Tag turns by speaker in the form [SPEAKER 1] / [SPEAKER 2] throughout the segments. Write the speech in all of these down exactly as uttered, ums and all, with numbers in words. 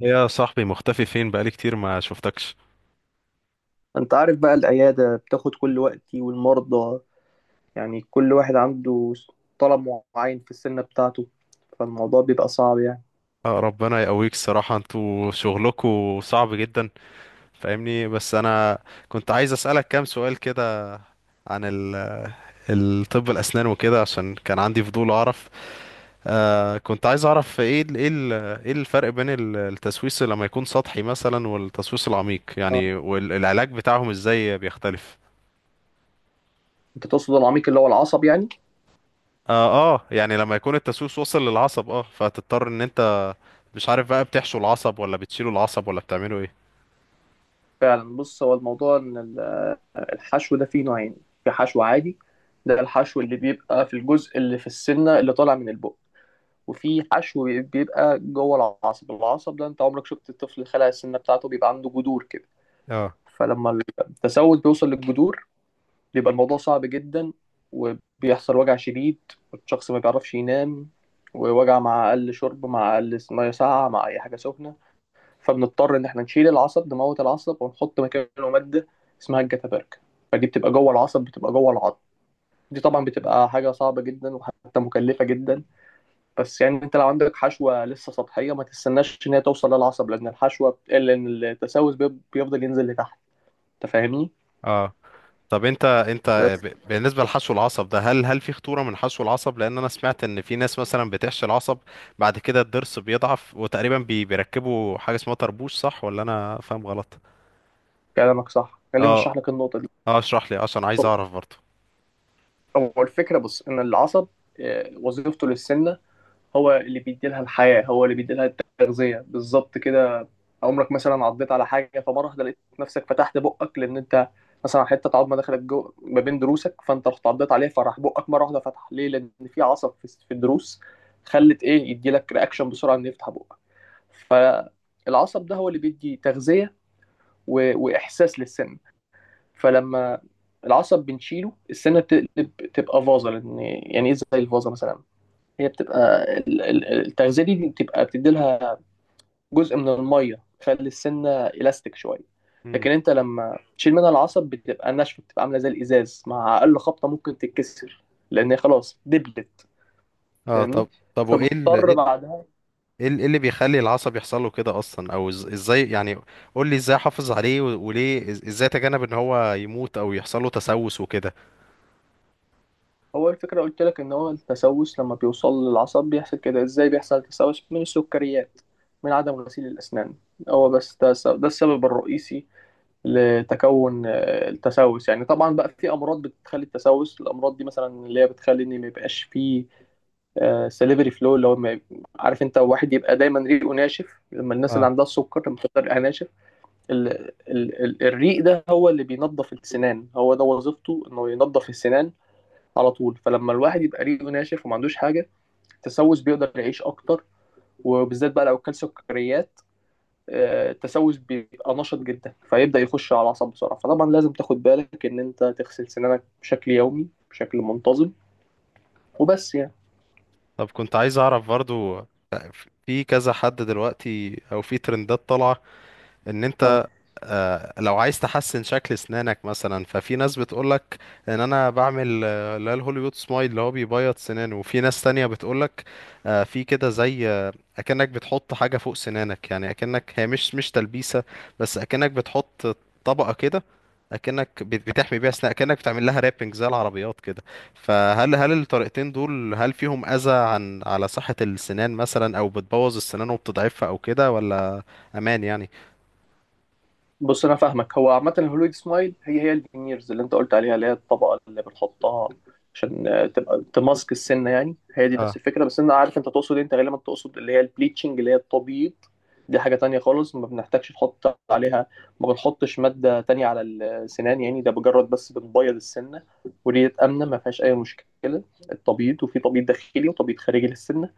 [SPEAKER 1] يا صاحبي مختفي فين؟ بقالي كتير ما شفتكش.
[SPEAKER 2] انت عارف بقى العيادة بتاخد كل وقتي والمرضى. يعني كل واحد عنده طلب معين في السنة بتاعته، فالموضوع بيبقى صعب يعني.
[SPEAKER 1] آه، ربنا يقويك. الصراحة انتوا شغلكوا صعب جدا. فاهمني. بس انا كنت عايز اسألك كام سؤال كده عن ال- الطب الاسنان وكده عشان كان عندي فضول اعرف. آه كنت عايز اعرف ايه ال- ايه ال- ايه الفرق بين ال- التسويس لما يكون سطحي مثلا والتسويس العميق
[SPEAKER 2] آه.
[SPEAKER 1] يعني، والعلاج بتاعهم ازاي بيختلف؟
[SPEAKER 2] انت تقصد العميق اللي هو العصب يعني.
[SPEAKER 1] اه، اه، يعني لما يكون التسويس وصل للعصب اه فتضطر ان انت مش عارف بقى، بتحشو العصب ولا بتشيلوا العصب ولا بتعملوا ايه؟
[SPEAKER 2] فعلا بص، هو الموضوع ان ال- آه، الحشو ده فيه نوعين. في حشو عادي، ده الحشو اللي بيبقى في الجزء اللي في السنة اللي طالع من البق، وفي حشو بيبقى جوه العصب العصب ده انت عمرك شفت الطفل خلع السنة بتاعته، بيبقى عنده جذور كده.
[SPEAKER 1] اه.
[SPEAKER 2] فلما التسود بيوصل للجذور بيبقى الموضوع صعب جدا، وبيحصل وجع شديد، والشخص ما بيعرفش ينام، ووجع مع أقل شرب، مع أقل مية ساقعة، مع أي حاجة سخنة. فبنضطر إن إحنا نشيل العصب، نموت العصب ونحط مكانه مادة اسمها الجتابرك. فدي بتبقى جوه العصب، بتبقى جوه العظم. دي طبعا بتبقى حاجة صعبة جدا وحتى مكلفة جدا. بس يعني انت لو عندك حشوة لسه سطحية، ما تستناش ان هي توصل للعصب، لان الحشوة بتقل ان التسوس بي- بيفضل ينزل لتحت. انت فاهمني؟
[SPEAKER 1] اه طب، انت انت
[SPEAKER 2] بس
[SPEAKER 1] ب- بالنسبه لحشو العصب ده، هل هل في خطوره من حشو العصب؟ لان انا سمعت ان في ناس مثلا بتحشي العصب بعد كده الضرس بيضعف، وتقريبا بي بيركبوا حاجه اسمها طربوش، صح ولا انا فاهم غلط؟
[SPEAKER 2] كلامك صح، خلينا
[SPEAKER 1] اه.
[SPEAKER 2] نشرح لك النقطة
[SPEAKER 1] اه اشرح لي عشان
[SPEAKER 2] دي.
[SPEAKER 1] عايز اعرف برضه.
[SPEAKER 2] هو الفكرة بص إن العصب، آه، وظيفته للسمنة، هو اللي بيديلها الحياة، هو اللي بيديلها التغذية بالظبط كده. عمرك مثلا عضيت على حاجة فمرة واحدة لقيت نفسك فتحت بقك؟ لأن أنت مثلا حتة عظمة دخلت جو ما بين ضروسك، فأنت رحت عضيت عليها فراح بقك مرة واحدة فتح. ليه؟ لأن في عصب في في الضروس، خلت إيه يديلك رياكشن بسرعة إنه يفتح بقك. فالعصب ده هو اللي بيدي تغذية و... وإحساس للسن. فلما العصب بنشيله، السنه بتقلب تبقى فازه. لان يعني ايه زي الفازه مثلا؟ هي بتبقى ال- ال- التغذيه دي بتبقى بتدي لها جزء من الميه، تخلي السنه الاستيك شويه.
[SPEAKER 1] مم.
[SPEAKER 2] لكن انت لما تشيل منها العصب بتبقى ناشفه، بتبقى عامله زي الازاز، مع اقل خبطه ممكن تتكسر، لان هي خلاص دبلت.
[SPEAKER 1] اه،
[SPEAKER 2] فاهمني؟
[SPEAKER 1] طب. طب وايه ال-
[SPEAKER 2] فبنضطر
[SPEAKER 1] ايه ال-
[SPEAKER 2] بعدها.
[SPEAKER 1] ايه ال- إيه اللي بيخلي العصب يحصل له كده اصلا او إز- ازاي يعني؟ قول لي ازاي احافظ عليه، و- وليه، إز- ازاي اتجنب ان هو يموت او يحصل له تسوس وكده؟
[SPEAKER 2] هو الفكرة قلت لك إن هو التسوس لما بيوصل للعصب بيحصل كده. إزاي بيحصل تسوس؟ من السكريات، من عدم غسيل الأسنان، هو بس ده الس- ده السبب الرئيسي لتكون آه، التسوس يعني. طبعا بقى في أمراض بتخلي التسوس، الأمراض دي مثلا اللي هي بتخلي إن ما يبقاش فيه سليفري فلو، اللي هو ما- عارف أنت واحد يبقى دايما ريقه ناشف، لما الناس اللي
[SPEAKER 1] اه،
[SPEAKER 2] عندها السكر لما بتبقى ريقها ناشف. ال- ال- ال- الريق ده هو اللي بينظف السنان، هو ده وظيفته، إنه ينظف السنان على طول. فلما الواحد يبقى ريقه ناشف وما عندوش حاجه، التسوس بيقدر يعيش اكتر. وبالذات بقى لو كل سكريات، آه، التسوس بيبقى نشط جدا فيبدا يخش على الاعصاب بسرعه. فطبعا لازم تاخد بالك ان انت تغسل سنانك بشكل يومي بشكل منتظم، وبس يعني.
[SPEAKER 1] طب كنت عايز اعرف برضو. في كذا حد دلوقتي او في ترندات طالعه ان انت،
[SPEAKER 2] اه،
[SPEAKER 1] آه، لو عايز تحسن شكل اسنانك مثلا، ففي ناس بتقولك ان انا بعمل، آه، اللي هي الهوليوود سمايل اللي هو بيبيض سنانه. وفي ناس تانية بتقولك، آه، في كده زي آه، اكنك بتحط حاجة فوق سنانك، يعني اكنك هي مش مش تلبيسة، بس اكنك بتحط طبقة كده، اكنك بت- بتحمي بيها اسنانك، اكنك بتعمل لها رابنج زي العربيات كده. فهل هل الطريقتين دول هل فيهم اذى عن على صحة السنان مثلا، او بتبوظ السنان وبتضعفها او كده، ولا امان يعني؟
[SPEAKER 2] بص انا فاهمك. هو عامه الهولويد سمايل هي هي الفينيرز اللي انت قلت عليها، اللي هي الطبقه اللي بنحطها عشان آه، تبقى تماسك السنه يعني. هي دي نفس
[SPEAKER 1] اه.
[SPEAKER 2] الفكره، بس انا عارف انت تقصد إيه، انت غالبا تقصد اللي هي البليتشنج اللي هي التبييض. دي حاجه تانية خالص، ما بنحتاجش نحط عليها، ما بنحطش ماده تانية على السنان، يعني ده مجرد بس بنبيض السنه. ودي امنه، ما فيهاش اي مشكله، التبييض. وفي تبييض داخلي وتبييض خارجي للسنه.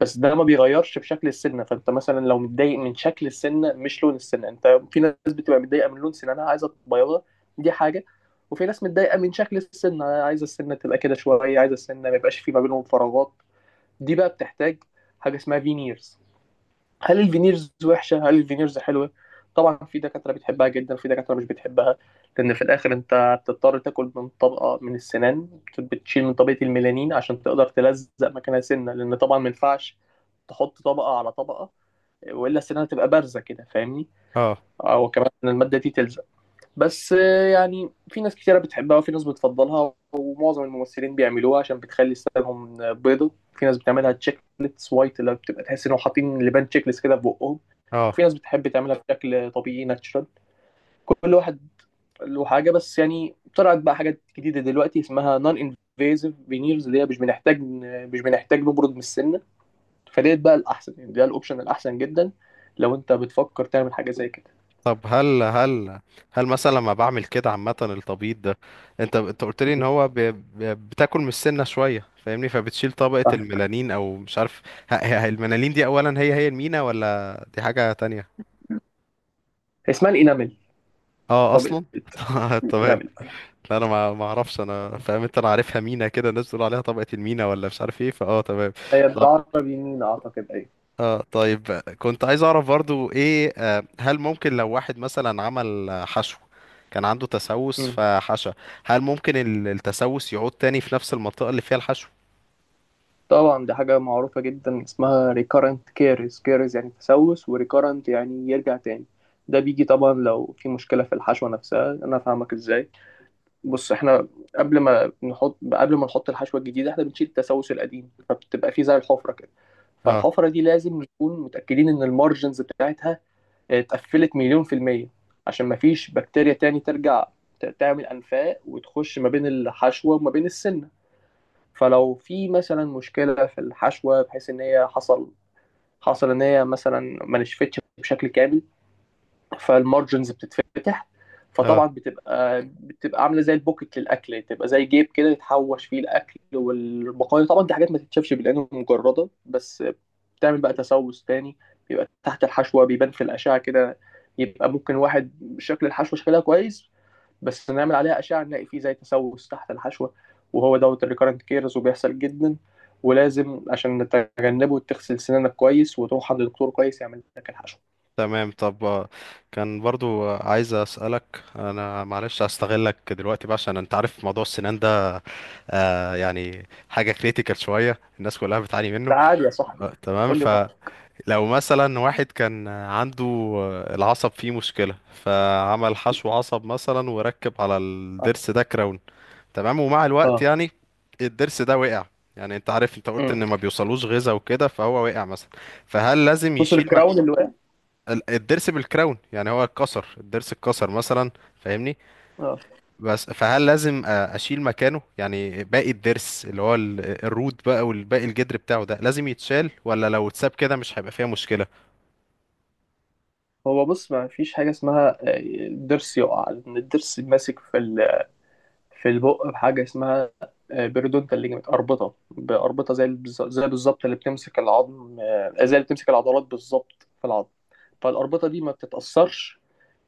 [SPEAKER 2] بس ده ما بيغيرش في شكل السنه. فانت مثلا لو متضايق من شكل السنه مش لون السنه، انت في ناس بتبقى متضايقه من لون سنانها عايزه تبيضها، دي حاجه. وفي ناس متضايقه من شكل السنه، عايزه السنه تبقى كده شويه، عايزه السنه ما يبقاش في ما بينهم فراغات، دي بقى بتحتاج حاجه اسمها فينيرز. هل الفينيرز وحشه؟ هل الفينيرز حلوه؟ طبعا في دكاتره بتحبها جدا، في دكاتره مش بتحبها، لان في الاخر انت بتضطر تاكل من طبقه من السنان، بتشيل من طبقه الميلانين عشان تقدر تلزق مكانها سنه، لان طبعا ما ينفعش تحط طبقه على طبقه، والا السنان تبقى بارزه كده. فاهمني؟
[SPEAKER 1] اه
[SPEAKER 2] او كمان إن الماده دي تلزق. بس آه، يعني في ناس كتيرة بتحبها وفي ناس بتفضلها، ومعظم الممثلين بيعملوها عشان بتخلي ستايلهم آه، بيضة. في ناس بتعملها تشيك ليتس وايت، اللي بتبقى تحس انهم حاطين لبان تشيك ليست كده في بقهم.
[SPEAKER 1] اه
[SPEAKER 2] في ناس بتحب تعملها بشكل طبيعي ناتشرال. كل واحد له حاجة. بس يعني طلعت بقى حاجات جديدة دلوقتي اسمها نون انفيزيف فينيرز، اللي هي مش بنحتاج آه، مش بنحتاج نبرد من السنة. فديت بقى الأحسن يعني، ده الأوبشن الأحسن جدا لو أنت بتفكر تعمل حاجة زي كده.
[SPEAKER 1] طب هل هل هل مثلا لما بعمل كده عامة التبييض ده، انت انت قلت لي ان هو ب... ب... بتاكل من السنة شوية فاهمني، فبتشيل طبقة الميلانين او مش عارف. ه... ه... الميلانين دي اولا، هي هي المينا ولا دي حاجة تانية؟
[SPEAKER 2] اسمها الإنامل.
[SPEAKER 1] اه،
[SPEAKER 2] طب
[SPEAKER 1] اصلا تمام.
[SPEAKER 2] الإنامل
[SPEAKER 1] لا، انا ما ما اعرفش. انا فاهم انت. انا عارفها مينا كده، الناس بتقول عليها طبقة المينا ولا مش عارف ايه. فاه، تمام.
[SPEAKER 2] هي بالعربي يمين أعتقد، أيوة.
[SPEAKER 1] اه، طيب. كنت عايز اعرف برضو ايه. آه، هل ممكن لو واحد مثلا عمل آه، حشو كان عنده تسوس
[SPEAKER 2] مم.
[SPEAKER 1] فحشى، هل ممكن ال- التسوس يعود تاني في نفس المنطقة اللي فيها الحشو؟
[SPEAKER 2] طبعا دي حاجة معروفة جدا اسمها recurrent caries. caries يعني تسوس، و recurrent يعني يرجع تاني. ده بيجي طبعا لو في مشكلة في الحشوة نفسها. أنا فاهمك إزاي. بص إحنا قبل ما نحط قبل ما نحط الحشوة الجديدة إحنا بنشيل التسوس القديم، فبتبقى فيه زي الحفرة كده.
[SPEAKER 1] اه.
[SPEAKER 2] فالحفرة دي لازم نكون متأكدين إن المارجنز بتاعتها اتقفلت مليون في المية، عشان مفيش بكتيريا تاني ترجع ت- تعمل أنفاق وتخش ما بين الحشوة وما بين السن. فلو في مثلا مشكلة في الحشوة بحيث إن هي حصل، حصل إن هي مثلا ما نشفتش بشكل كامل، فالمارجنز بتتفتح.
[SPEAKER 1] اه،
[SPEAKER 2] فطبعا بتبقى بتبقى عاملة زي البوكت للأكل، يعني تبقى زي جيب كده يتحوش فيه الأكل والبقايا. طبعا دي حاجات ما تتشافش بالعين المجردة، بس بتعمل بقى تسوس تاني بيبقى تحت الحشوة، بيبان في الأشعة كده. يبقى ممكن واحد شكل الحشوة شكلها كويس، بس نعمل عليها أشعة نلاقي فيه زي تسوس تحت الحشوة. وهو دوت الريكارنت كيرز، وبيحصل جدا. ولازم عشان نتجنبه تغسل سنانك كويس، وتروح عند دكتور كويس يعمل لك الحشوة.
[SPEAKER 1] تمام. طب آه، كان برضو آه، عايز اسألك. انا معلش هستغلك دلوقتي بقى عشان انت عارف موضوع السنان ده، آه يعني حاجة كريتيكال شوية الناس كلها بتعاني منه.
[SPEAKER 2] ده عادي يا صاحبي،
[SPEAKER 1] آه، تمام.
[SPEAKER 2] قول لي براحتك.
[SPEAKER 1] لو مثلا واحد كان عنده العصب فيه مشكلة، فعمل حشو عصب مثلا وركب على الضرس ده كراون، تمام. ومع الوقت
[SPEAKER 2] اه.
[SPEAKER 1] يعني الضرس ده وقع. يعني انت عارف، انت قلت
[SPEAKER 2] امم،
[SPEAKER 1] ان ما بيوصلوش غذاء وكده، فهو وقع مثلا. فهل لازم
[SPEAKER 2] بص
[SPEAKER 1] يشيل م...
[SPEAKER 2] الكراون اللي واقع.
[SPEAKER 1] الضرس بالكراون، يعني هو اتكسر، الضرس اتكسر مثلا فاهمني.
[SPEAKER 2] اه،
[SPEAKER 1] بس فهل لازم أ- اشيل مكانه؟ يعني باقي الضرس اللي هو ال- الروت بقى والباقي، الجدر بتاعه ده، لازم يتشال ولا لو اتساب كده مش هيبقى فيها مشكلة؟
[SPEAKER 2] هو بص ما فيش حاجة اسمها آه، الضرس يقع، لأن الضرس ماسك في ال في البق بحاجة اسمها آه، بيريدونتال ليجمنت، أربطة بأربطة، زي البز- زي بالظبط اللي بتمسك العظم، آه، زي اللي بتمسك العضلات بالظبط في العظم. فالأربطة دي ما بتتأثرش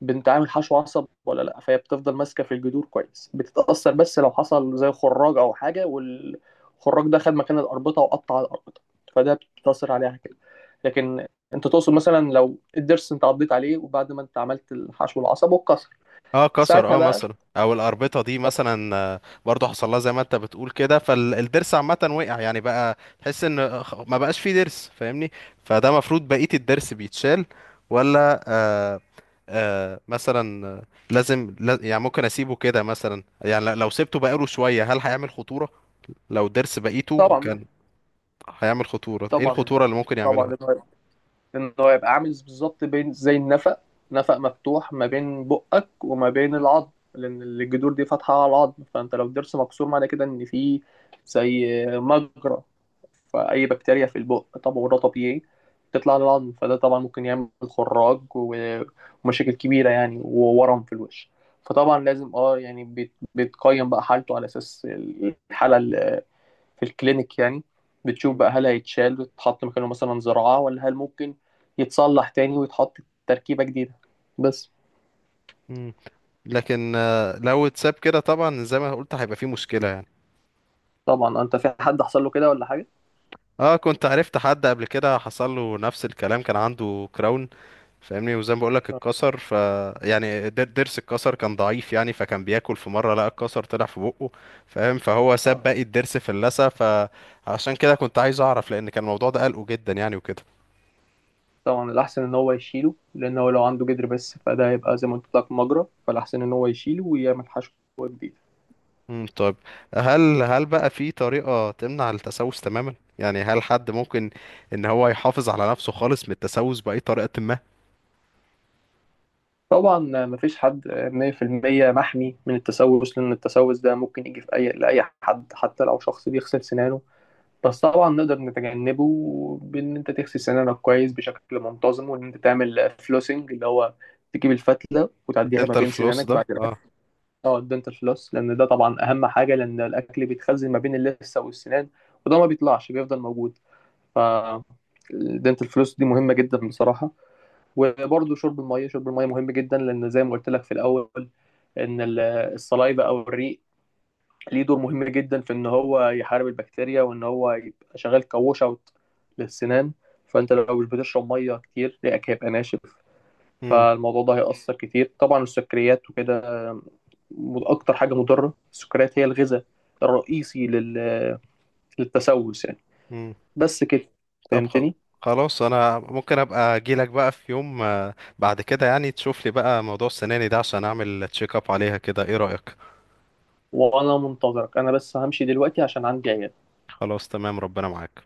[SPEAKER 2] بانتعامل حشو عصب ولا لا، فهي بتفضل ماسكة في الجذور كويس. بتتأثر بس لو حصل زي خراج أو حاجة، والخراج ده خد مكان الأربطة وقطع الأربطة، فده بتتأثر عليها كده. لكن انت تقصد مثلا لو الضرس انت عضيت عليه وبعد ما انت عملت الحشو العصب واتكسر.
[SPEAKER 1] اه، كسر،
[SPEAKER 2] ساعتها
[SPEAKER 1] اه
[SPEAKER 2] بقى
[SPEAKER 1] مثلا. او الاربطه دي مثلا، آه، برضو حصل لها زي ما انت بتقول كده. فالضرس عامه وقع، يعني بقى تحس ان خ- ما بقاش فيه ضرس فاهمني. فده المفروض بقيه الضرس بيتشال، ولا؟ آه آه مثلا آه، لازم لا- يعني ممكن اسيبه كده مثلا، يعني ل- لو سبته بقاله شويه هل هيعمل خطوره؟ لو الضرس بقيته
[SPEAKER 2] طبعا.
[SPEAKER 1] كان هيعمل خطوره، ايه
[SPEAKER 2] طبعا
[SPEAKER 1] الخطوره اللي ممكن
[SPEAKER 2] طبعا
[SPEAKER 1] يعملها؟
[SPEAKER 2] إن هو إن هو يبقى عامل بالظبط بين زي النفق، نفق مفتوح ما بين بقك وما بين العظم، لأن الجذور دي فاتحة على العظم. فأنت لو الضرس مكسور معنى كده إن في زي مجرى، فأي بكتيريا في البق طبعا وده طبيعي تطلع للعظم، فده طبعا ممكن يعمل خراج و- ومشاكل كبيرة يعني، وورم في الوش. فطبعا لازم اه يعني بيت- بيتقيم بقى حالته على أساس الحالة في الكلينيك يعني. بتشوف
[SPEAKER 1] مم.
[SPEAKER 2] بقى هل هيتشال ويتحط مكانه مثلا زراعة، ولا هل ممكن يتصلح تاني ويتحط تركيبة جديدة بس.
[SPEAKER 1] مم. لكن آه، لو اتساب كده طبعا زي ما قلت هيبقى فيه مشكله يعني.
[SPEAKER 2] طبعا، انت في حد حصل له كده ولا حاجة؟
[SPEAKER 1] اه، كنت عرفت حد قبل كده حصل له نفس الكلام. كان عنده كراون فاهمني، وزي ما بقولك
[SPEAKER 2] اه.
[SPEAKER 1] اتكسر. ف يعني در- ضرس اتكسر كان ضعيف يعني، فكان بياكل في مره لقى الكسر طلع في بقه فاهم. فهو ساب
[SPEAKER 2] آه.
[SPEAKER 1] باقي الضرس في اللثه. فعشان كده كنت عايز اعرف لان كان الموضوع ده قلقه جدا يعني وكده.
[SPEAKER 2] طبعا الأحسن إن هو يشيله، لأن هو لو عنده جدر بس، فده هيبقى زي ما قلت لك مجرى، فالأحسن إن هو يشيله ويعمل حشوة جديدة.
[SPEAKER 1] امم طيب، هل هل بقى في طريقه تمنع التسوس تماما يعني؟ هل حد ممكن ان هو يحافظ على نفسه خالص من التسوس باي طريقه ما؟
[SPEAKER 2] طبعا مفيش حد مية في المية محمي من التسوس، لأن التسوس ده ممكن يجي في أي لأي حد، حتى لو شخص بيغسل سنانه. بس طبعا نقدر نتجنبه بان انت تغسل سنانك كويس بشكل منتظم، وان انت تعمل فلوسنج، اللي هو تجيب الفتله وتعديها ما
[SPEAKER 1] انت
[SPEAKER 2] بين
[SPEAKER 1] الفلوس
[SPEAKER 2] سنانك
[SPEAKER 1] ده؟
[SPEAKER 2] بعد الاكل.
[SPEAKER 1] اه.
[SPEAKER 2] اه الدنتال فلوس، لان ده طبعا اهم حاجه، لان الاكل بيتخزن ما بين اللثه والسنان وده ما بيطلعش، بيفضل موجود. ف الدنتال فلوس دي مهمه جدا بصراحه. وبرده شرب الميه، شرب الميه مهم جدا، لان زي ما قلت لك في الاول، ان ال- الصلايبه او الريق ليه دور مهم جدا في ان هو يحارب البكتيريا، وان هو يبقى شغال كووش اوت للسنان. فانت لو مش بتشرب ميه كتير ريقك هيبقى ناشف، فالموضوع ده هيأثر كتير. طبعا السكريات وكده، م- اكتر حاجه مضره السكريات، هي الغذاء الرئيسي لل... للتسوس يعني.
[SPEAKER 1] امم
[SPEAKER 2] بس كده،
[SPEAKER 1] طب، خ-
[SPEAKER 2] فهمتني.
[SPEAKER 1] خلاص. انا ممكن ابقى اجيلك بقى في يوم آه، بعد كده يعني، تشوف لي بقى موضوع السناني ده عشان اعمل تشيك اب عليها كده. ايه رأيك؟
[SPEAKER 2] وانا منتظرك، انا بس همشي دلوقتي عشان عندي عيال.
[SPEAKER 1] خلاص، تمام، ربنا معاك.